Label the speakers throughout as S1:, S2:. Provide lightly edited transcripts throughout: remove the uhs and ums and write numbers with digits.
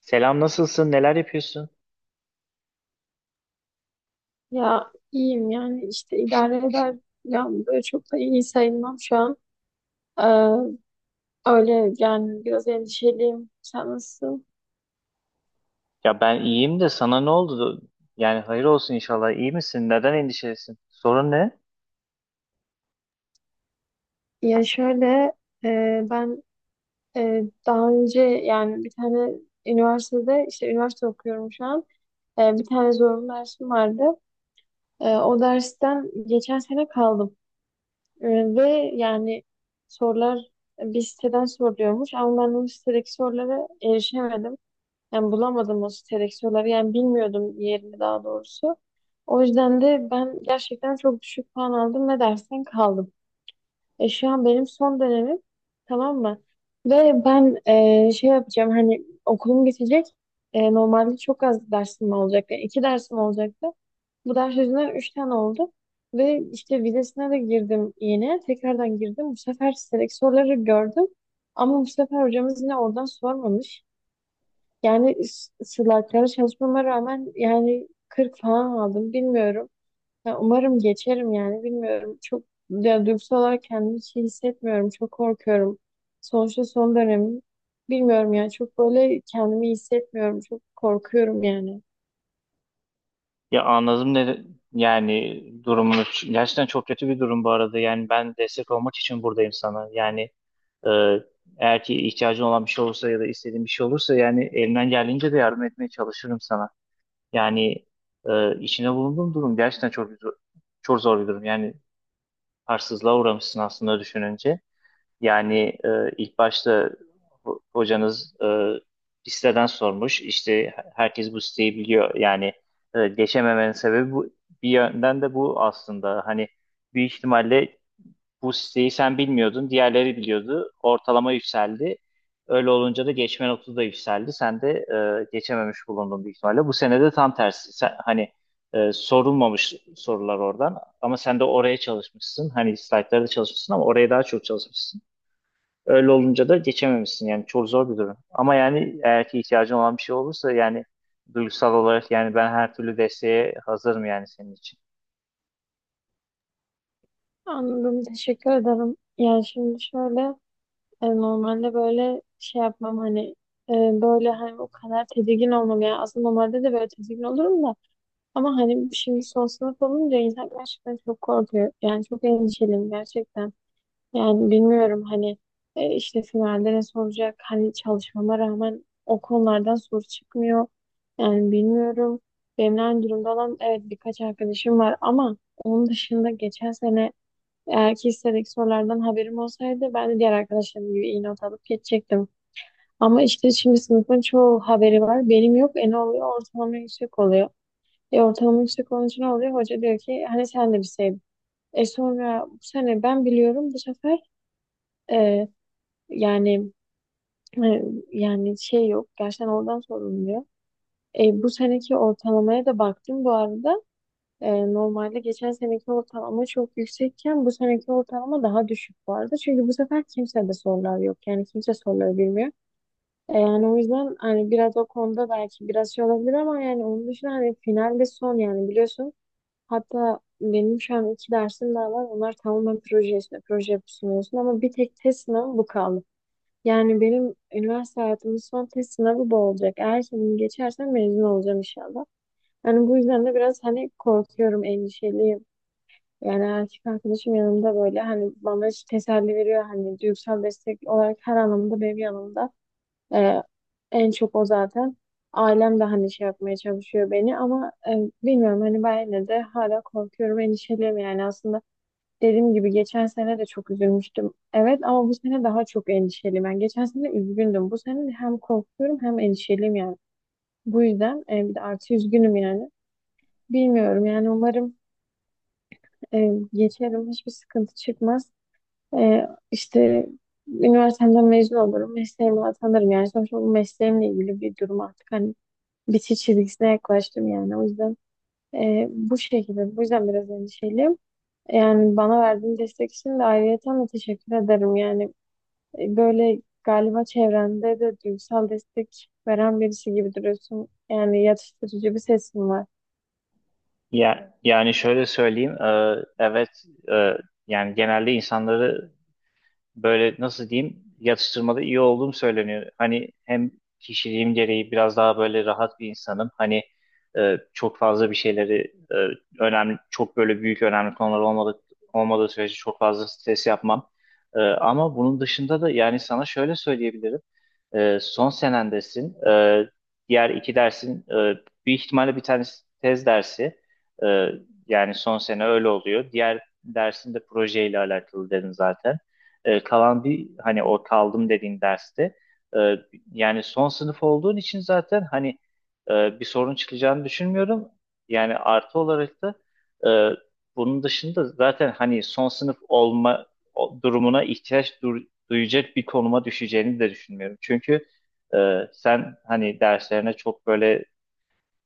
S1: Selam nasılsın? Neler yapıyorsun?
S2: Ya iyiyim yani işte idare eder. Ya böyle çok da iyi sayılmam şu an. Ee, Öyle yani biraz endişeliyim. Sen nasılsın?
S1: Ya ben iyiyim de sana ne oldu? Yani hayır olsun inşallah. İyi misin? Neden endişelisin? Sorun ne?
S2: Ya şöyle ben daha önce yani bir tane üniversitede işte üniversite okuyorum şu an. Bir tane zorunlu dersim vardı. O dersten geçen sene kaldım. E, Ve yani sorular bir siteden soruluyormuş ama ben o sitedeki sorulara erişemedim. Yani bulamadım o seleksiyonları. Yani bilmiyordum yerini daha doğrusu. O yüzden de ben gerçekten çok düşük puan aldım ve dersten kaldım. Şu an benim son dönemim, tamam mı? Ve ben şey yapacağım, hani okulum bitecek. Normalde çok az dersim olacaktı. Yani iki dersim olacaktı. Bu ders yüzünden üç tane oldu. Ve işte vizesine de girdim yine. Tekrardan girdim. Bu sefer seleksiyonları gördüm. Ama bu sefer hocamız yine oradan sormamış. Yani slaytlara çalışmama rağmen yani 40 falan aldım, bilmiyorum. Ya umarım geçerim yani, bilmiyorum. Çok, ya duygusal olarak kendimi hiç iyi hissetmiyorum. Çok korkuyorum. Sonuçta son dönemim. Bilmiyorum yani, çok böyle kendimi iyi hissetmiyorum. Çok korkuyorum yani.
S1: Ya anladım ne yani durumunu. Gerçekten çok kötü bir durum bu arada. Yani ben destek olmak için buradayım sana. Yani e, eğer ki ihtiyacın olan bir şey olursa ya da istediğin bir şey olursa yani elimden geldiğince de yardım etmeye çalışırım sana. Yani içine bulunduğum durum gerçekten çok zor, çok zor bir durum. Yani haksızlığa uğramışsın aslında düşününce. Yani ilk başta hocanız bir siteden sormuş. İşte herkes bu siteyi biliyor. Yani geçememenin sebebi bu. Bir yönden de bu aslında. Hani büyük ihtimalle bu siteyi sen bilmiyordun, diğerleri biliyordu. Ortalama yükseldi. Öyle olunca da geçme notu da yükseldi. Sen de geçememiş bulundun büyük ihtimalle. Bu sene de tam tersi. Hani sorulmamış sorular oradan. Ama sen de oraya çalışmışsın. Hani slaytlarda çalışmışsın ama oraya daha çok çalışmışsın. Öyle olunca da geçememişsin yani çok zor bir durum. Ama yani eğer ki ihtiyacın olan bir şey olursa yani duygusal olarak yani ben her türlü desteğe hazırım yani senin için.
S2: Anladım, teşekkür ederim. Yani şimdi şöyle, normalde böyle şey yapmam hani, e, böyle hani o kadar tedirgin olmam yani, aslında normalde de böyle tedirgin olurum da. Ama hani şimdi son sınıf olunca insan gerçekten çok korkuyor. Yani çok endişeliyim gerçekten. Yani bilmiyorum hani, işte finalde ne soracak? Hani çalışmama rağmen o konulardan soru çıkmıyor. Yani bilmiyorum. Benimle aynı durumda olan, evet, birkaç arkadaşım var ama onun dışında geçen sene eğer ki hissediğim sorulardan haberim olsaydı ben de diğer arkadaşlarım gibi iyi not alıp geçecektim. Ama işte şimdi sınıfın çoğu haberi var. Benim yok. Ne oluyor? Ortalama yüksek oluyor. Ortalama işte konusu ne oluyor? Hoca diyor ki hani sen de bir şey. Sonra bu sene ben biliyorum, bu sefer e, yani e, yani şey yok, gerçekten oradan sorumluyor. Bu seneki ortalamaya da baktım bu arada. Normalde geçen seneki ortalama çok yüksekken bu seneki ortalama daha düşük bu arada. Çünkü bu sefer kimse de sorular yok. Yani kimse soruları bilmiyor. Yani o yüzden hani biraz o konuda belki biraz şey olabilir ama yani onun dışında hani finalde son yani biliyorsun. Hatta benim şu an iki dersim daha var. Onlar tamamen proje, işte proje sunuyorsun ama bir tek test sınavı bu kaldı. Yani benim üniversite hayatımın son test sınavı bu olacak. Eğer ki bunu geçersem mezun olacağım inşallah. Yani bu yüzden de biraz hani korkuyorum, endişeliyim. Yani erkek arkadaşım yanımda, böyle hani bana hiç teselli veriyor. Hani duygusal destek olarak her anlamda benim yanımda. Ee, En çok o zaten. Ailem de hani şey yapmaya çalışıyor beni ama bilmiyorum hani, ben yine de hala korkuyorum, endişeliyim yani. Aslında dediğim gibi geçen sene de çok üzülmüştüm. Evet, ama bu sene daha çok endişeliyim. Ben geçen sene üzgündüm. Bu sene hem korkuyorum hem endişeliyim yani. Bu yüzden bir de artı üzgünüm yani. Bilmiyorum yani, umarım geçerim. Hiçbir sıkıntı çıkmaz. İşte üniversiteden mezun olurum. Mesleğime atanırım. Yani sonuçta bu mesleğimle ilgili bir durum artık. Hani bitiş çizgisine yaklaştım yani. O yüzden bu şekilde, bu yüzden biraz endişeliyim. Yani bana verdiğin destek için de ayrıyeten de teşekkür ederim. Yani böyle galiba çevrende de duygusal destek veren birisi gibi duruyorsun. Yani yatıştırıcı bir sesin var.
S1: Ya, yani şöyle söyleyeyim evet e, yani genelde insanları böyle nasıl diyeyim yatıştırmada iyi olduğum söyleniyor. Hani hem kişiliğim gereği biraz daha böyle rahat bir insanım. Hani çok fazla bir şeyleri önemli, çok böyle büyük önemli konular olmadı, olmadığı sürece çok fazla stres yapmam. Ama bunun dışında da yani sana şöyle söyleyebilirim. Son senendesin. Diğer iki dersin bir ihtimalle bir tanesi tez dersi. Ee, yani son sene öyle oluyor. Diğer dersin de projeyle alakalı dedin zaten. Kalan bir hani o kaldım dediğin derste e, yani son sınıf olduğun için zaten hani bir sorun çıkacağını düşünmüyorum. Yani artı olarak da e, bunun dışında zaten hani son sınıf olma durumuna ihtiyaç duyacak bir konuma düşeceğini de düşünmüyorum. Çünkü e, sen hani derslerine çok böyle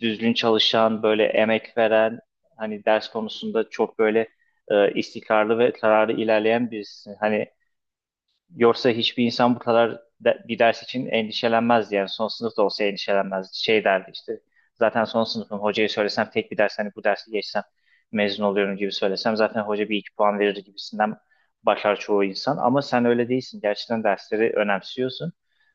S1: düzgün çalışan, böyle emek veren, hani ders konusunda çok böyle istikrarlı ve kararlı ilerleyen birisin. Hani yoksa hiçbir insan bu kadar bir ders için endişelenmezdi. Yani son sınıf da olsa endişelenmezdi. Şey derdi işte zaten son sınıfım, hocaya söylesem tek bir ders, hani bu dersi geçsem mezun oluyorum gibi söylesem zaten hoca bir iki puan verir gibisinden başlar çoğu insan. Ama sen öyle değilsin. Gerçekten dersleri önemsiyorsun.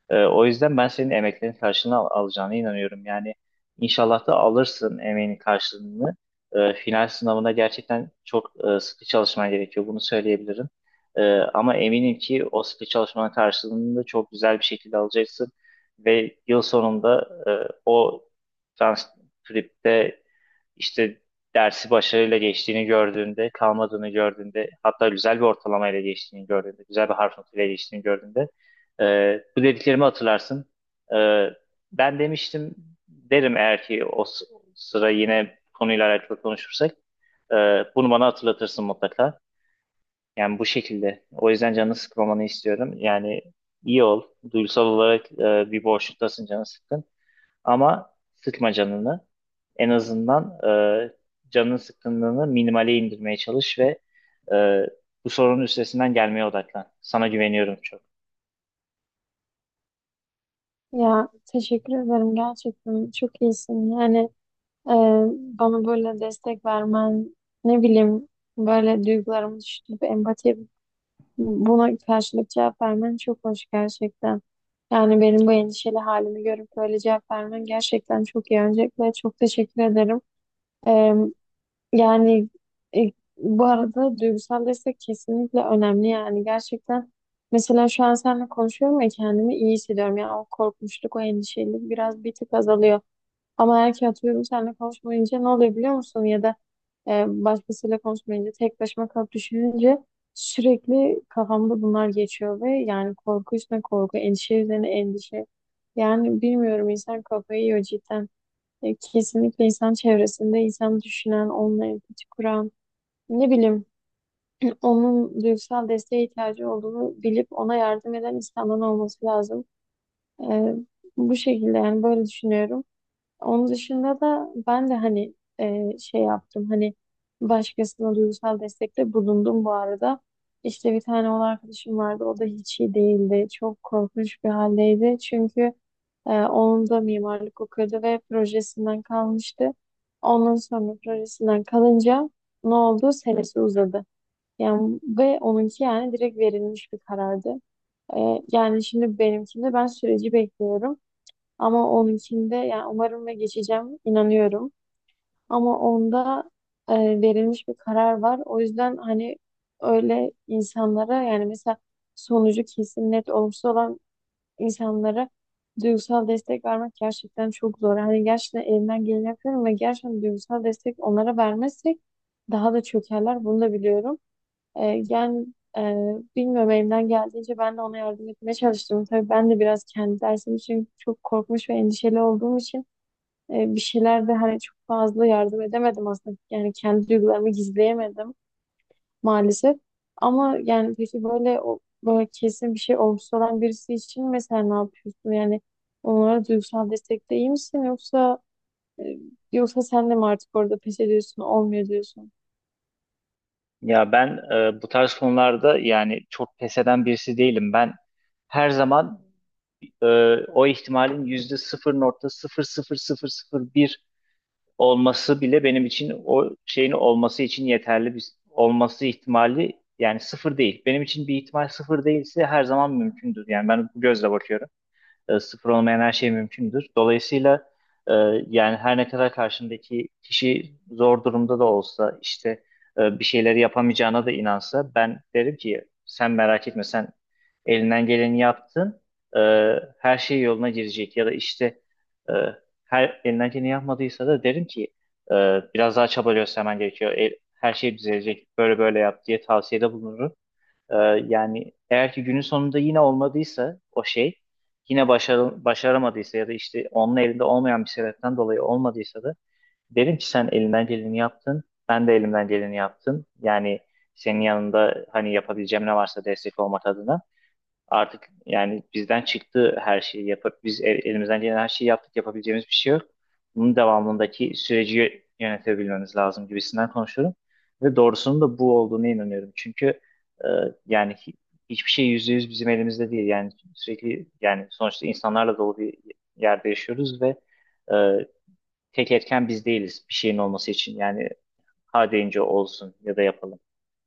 S1: O yüzden ben senin emeklerin karşılığını alacağına inanıyorum. Yani inşallah da alırsın emeğinin karşılığını. Final sınavına gerçekten çok sıkı çalışman gerekiyor. Bunu söyleyebilirim. Ama eminim ki o sıkı çalışmanın karşılığını da çok güzel bir şekilde alacaksın. Ve yıl sonunda o transkripte işte dersi başarıyla geçtiğini gördüğünde, kalmadığını gördüğünde, hatta güzel bir ortalamayla geçtiğini gördüğünde, güzel bir harf notuyla geçtiğini gördüğünde e, bu dediklerimi hatırlarsın. E, ben demiştim, derim eğer ki o sıra yine konuyla alakalı konuşursak, e, bunu bana hatırlatırsın mutlaka. Yani bu şekilde. O yüzden canını sıkmamanı istiyorum. Yani iyi ol. Duygusal olarak bir boşluktasın, canı sıkkın. Ama sıkma canını. En azından canının sıkkınlığını minimale indirmeye çalış ve e, bu sorunun üstesinden gelmeye odaklan. Sana güveniyorum çok.
S2: Ya teşekkür ederim, gerçekten çok iyisin. Yani e, bana böyle destek vermen, ne bileyim, böyle duygularımı düşünüp empati, buna karşılık cevap vermen çok hoş gerçekten. Yani benim bu endişeli halimi görüp böyle cevap vermen gerçekten çok iyi. Öncelikle çok teşekkür ederim. Ee, Yani, e, bu arada duygusal destek kesinlikle önemli yani, gerçekten. Mesela şu an seninle konuşuyorum ya, kendimi iyi hissediyorum. Yani o korkmuşluk, o endişeli biraz bir tık azalıyor. Ama eğer ki atıyorum seninle konuşmayınca ne oluyor biliyor musun? Ya da başkasıyla konuşmayınca tek başıma kalıp düşününce sürekli kafamda bunlar geçiyor ve yani korku üstüne korku, endişe üzerine endişe. Yani bilmiyorum, insan kafayı yiyor cidden. Kesinlikle insan çevresinde insan düşünen, onunla empati kuran, ne bileyim, onun duygusal desteğe ihtiyacı olduğunu bilip ona yardım eden insanların olması lazım. E, Bu şekilde yani, böyle düşünüyorum. Onun dışında da ben de hani şey yaptım, hani başkasına duygusal destekte bulundum bu arada. İşte bir tane oğul arkadaşım vardı, o da hiç iyi değildi. Çok korkunç bir haldeydi çünkü onun da mimarlık okuyordu ve projesinden kalmıştı. Ondan sonra projesinden kalınca ne oldu? Senesi uzadı. Yani ve onunki yani direkt verilmiş bir karardı. Yani şimdi benimkinde ben süreci bekliyorum. Ama onunkinde yani umarım ve geçeceğim, inanıyorum. Ama onda e, verilmiş bir karar var. O yüzden hani öyle insanlara, yani mesela sonucu kesin net olumsuz olan insanlara duygusal destek vermek gerçekten çok zor. Hani gerçekten elimden geleni yapıyorum ve gerçekten duygusal destek onlara vermezsek daha da çökerler. Bunu da biliyorum. Yani, e, bilmiyorum, elimden geldiğince ben de ona yardım etmeye çalıştım. Tabii ben de biraz kendi dersim için çok korkmuş ve endişeli olduğum için bir şeyler de hani çok fazla yardım edemedim aslında. Yani kendi duygularımı gizleyemedim maalesef. Ama yani peki böyle, o böyle kesin bir şey olgusu olan birisi için mesela ne yapıyorsun? Yani onlara duygusal destekte iyi misin, yoksa e, yoksa sen de mi artık orada pes ediyorsun, olmuyor diyorsun?
S1: Ya ben bu tarz konularda yani çok pes eden birisi değilim. Ben her zaman e, o ihtimalin yüzde sıfır nokta sıfır sıfır sıfır sıfır bir olması bile benim için o şeyin olması için yeterli bir olması ihtimali yani sıfır değil. Benim için bir ihtimal sıfır değilse her zaman mümkündür. Yani ben bu gözle bakıyorum. E, sıfır olmayan her şey mümkündür. Dolayısıyla e, yani her ne kadar karşındaki kişi zor durumda da olsa işte bir şeyleri yapamayacağına da inansa ben derim ki sen merak etme, sen elinden geleni yaptın. E, her şey yoluna girecek ya da işte e, her elinden geleni yapmadıysa da derim ki e, biraz daha çaba göstermen gerekiyor. E, her şey düzelecek, böyle böyle yap diye tavsiyede bulunurum. Ee, yani eğer ki günün sonunda yine olmadıysa, o şey yine başaramadıysa ya da işte onun elinde olmayan bir sebepten dolayı olmadıysa da derim ki sen elinden geleni yaptın. Ben de elimden geleni yaptım. Yani senin yanında hani yapabileceğim ne varsa destek olmak adına. Artık yani bizden çıktı, her şeyi yapıp biz elimizden gelen her şeyi yaptık, yapabileceğimiz bir şey yok. Bunun devamındaki süreci yönetebilmemiz lazım gibisinden konuşuyorum. Ve doğrusunun da bu olduğuna inanıyorum. Çünkü e, yani hiçbir şey yüzde yüz bizim elimizde değil. Yani sürekli yani sonuçta insanlarla dolu bir yerde yaşıyoruz ve e, tek etken biz değiliz bir şeyin olması için. Yani ha deyince olsun ya da yapalım.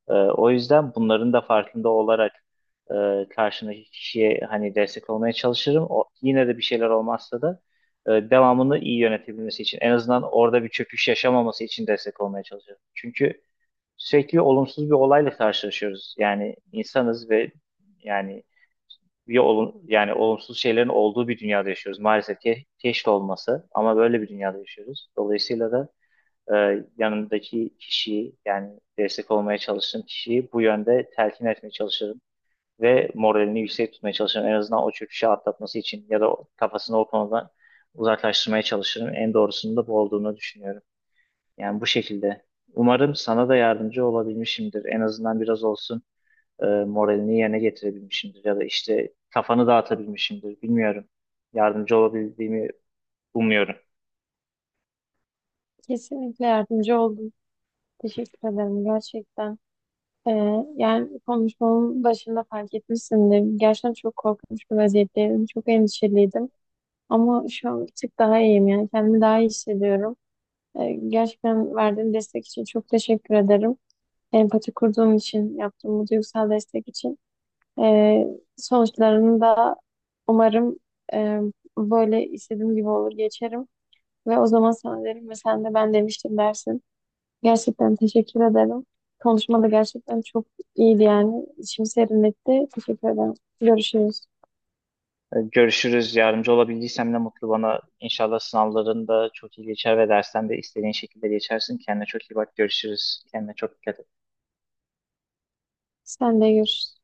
S1: O yüzden bunların da farkında olarak karşındaki kişiye hani destek olmaya çalışırım. O, yine de bir şeyler olmazsa da devamını iyi yönetebilmesi için, en azından orada bir çöküş yaşamaması için destek olmaya çalışırım. Çünkü sürekli olumsuz bir olayla karşılaşıyoruz. Yani insanız ve yani bir yani olumsuz şeylerin olduğu bir dünyada yaşıyoruz. Maalesef ki keşke olmasa ama böyle bir dünyada yaşıyoruz. Dolayısıyla da yanındaki kişiyi yani destek olmaya çalıştığım kişiyi bu yönde telkin etmeye çalışırım ve moralini yüksek tutmaya çalışırım. En azından o çöküşü atlatması için ya da kafasını o konudan uzaklaştırmaya çalışırım. En doğrusunun da bu olduğunu düşünüyorum. Yani bu şekilde. Umarım sana da yardımcı olabilmişimdir. En azından biraz olsun moralini yerine getirebilmişimdir ya da işte kafanı dağıtabilmişimdir. Bilmiyorum. Yardımcı olabildiğimi umuyorum.
S2: Kesinlikle yardımcı oldum. Teşekkür ederim gerçekten. Ee, Yani konuşmamın başında fark etmişsindir. Gerçekten çok korkmuş bir vaziyetteydim. Çok endişeliydim. Ama şu an bir tık daha iyiyim. Yani kendimi daha iyi hissediyorum. Gerçekten verdiğin destek için çok teşekkür ederim. Empati kurduğun için, yaptığın bu duygusal destek için. Ee, Sonuçlarını da umarım e, böyle istediğim gibi olur, geçerim. Ve o zaman sana derim ve sen de "ben demiştim" dersin. Gerçekten teşekkür ederim. Konuşma da gerçekten çok iyiydi yani. İçimi serinletti. Teşekkür ederim. Görüşürüz.
S1: Görüşürüz. Yardımcı olabildiysem ne mutlu bana. İnşallah sınavların da çok iyi geçer ve dersten de istediğin şekilde geçersin. Kendine çok iyi bak. Görüşürüz. Kendine çok dikkat et.
S2: Sen de görüşürüz.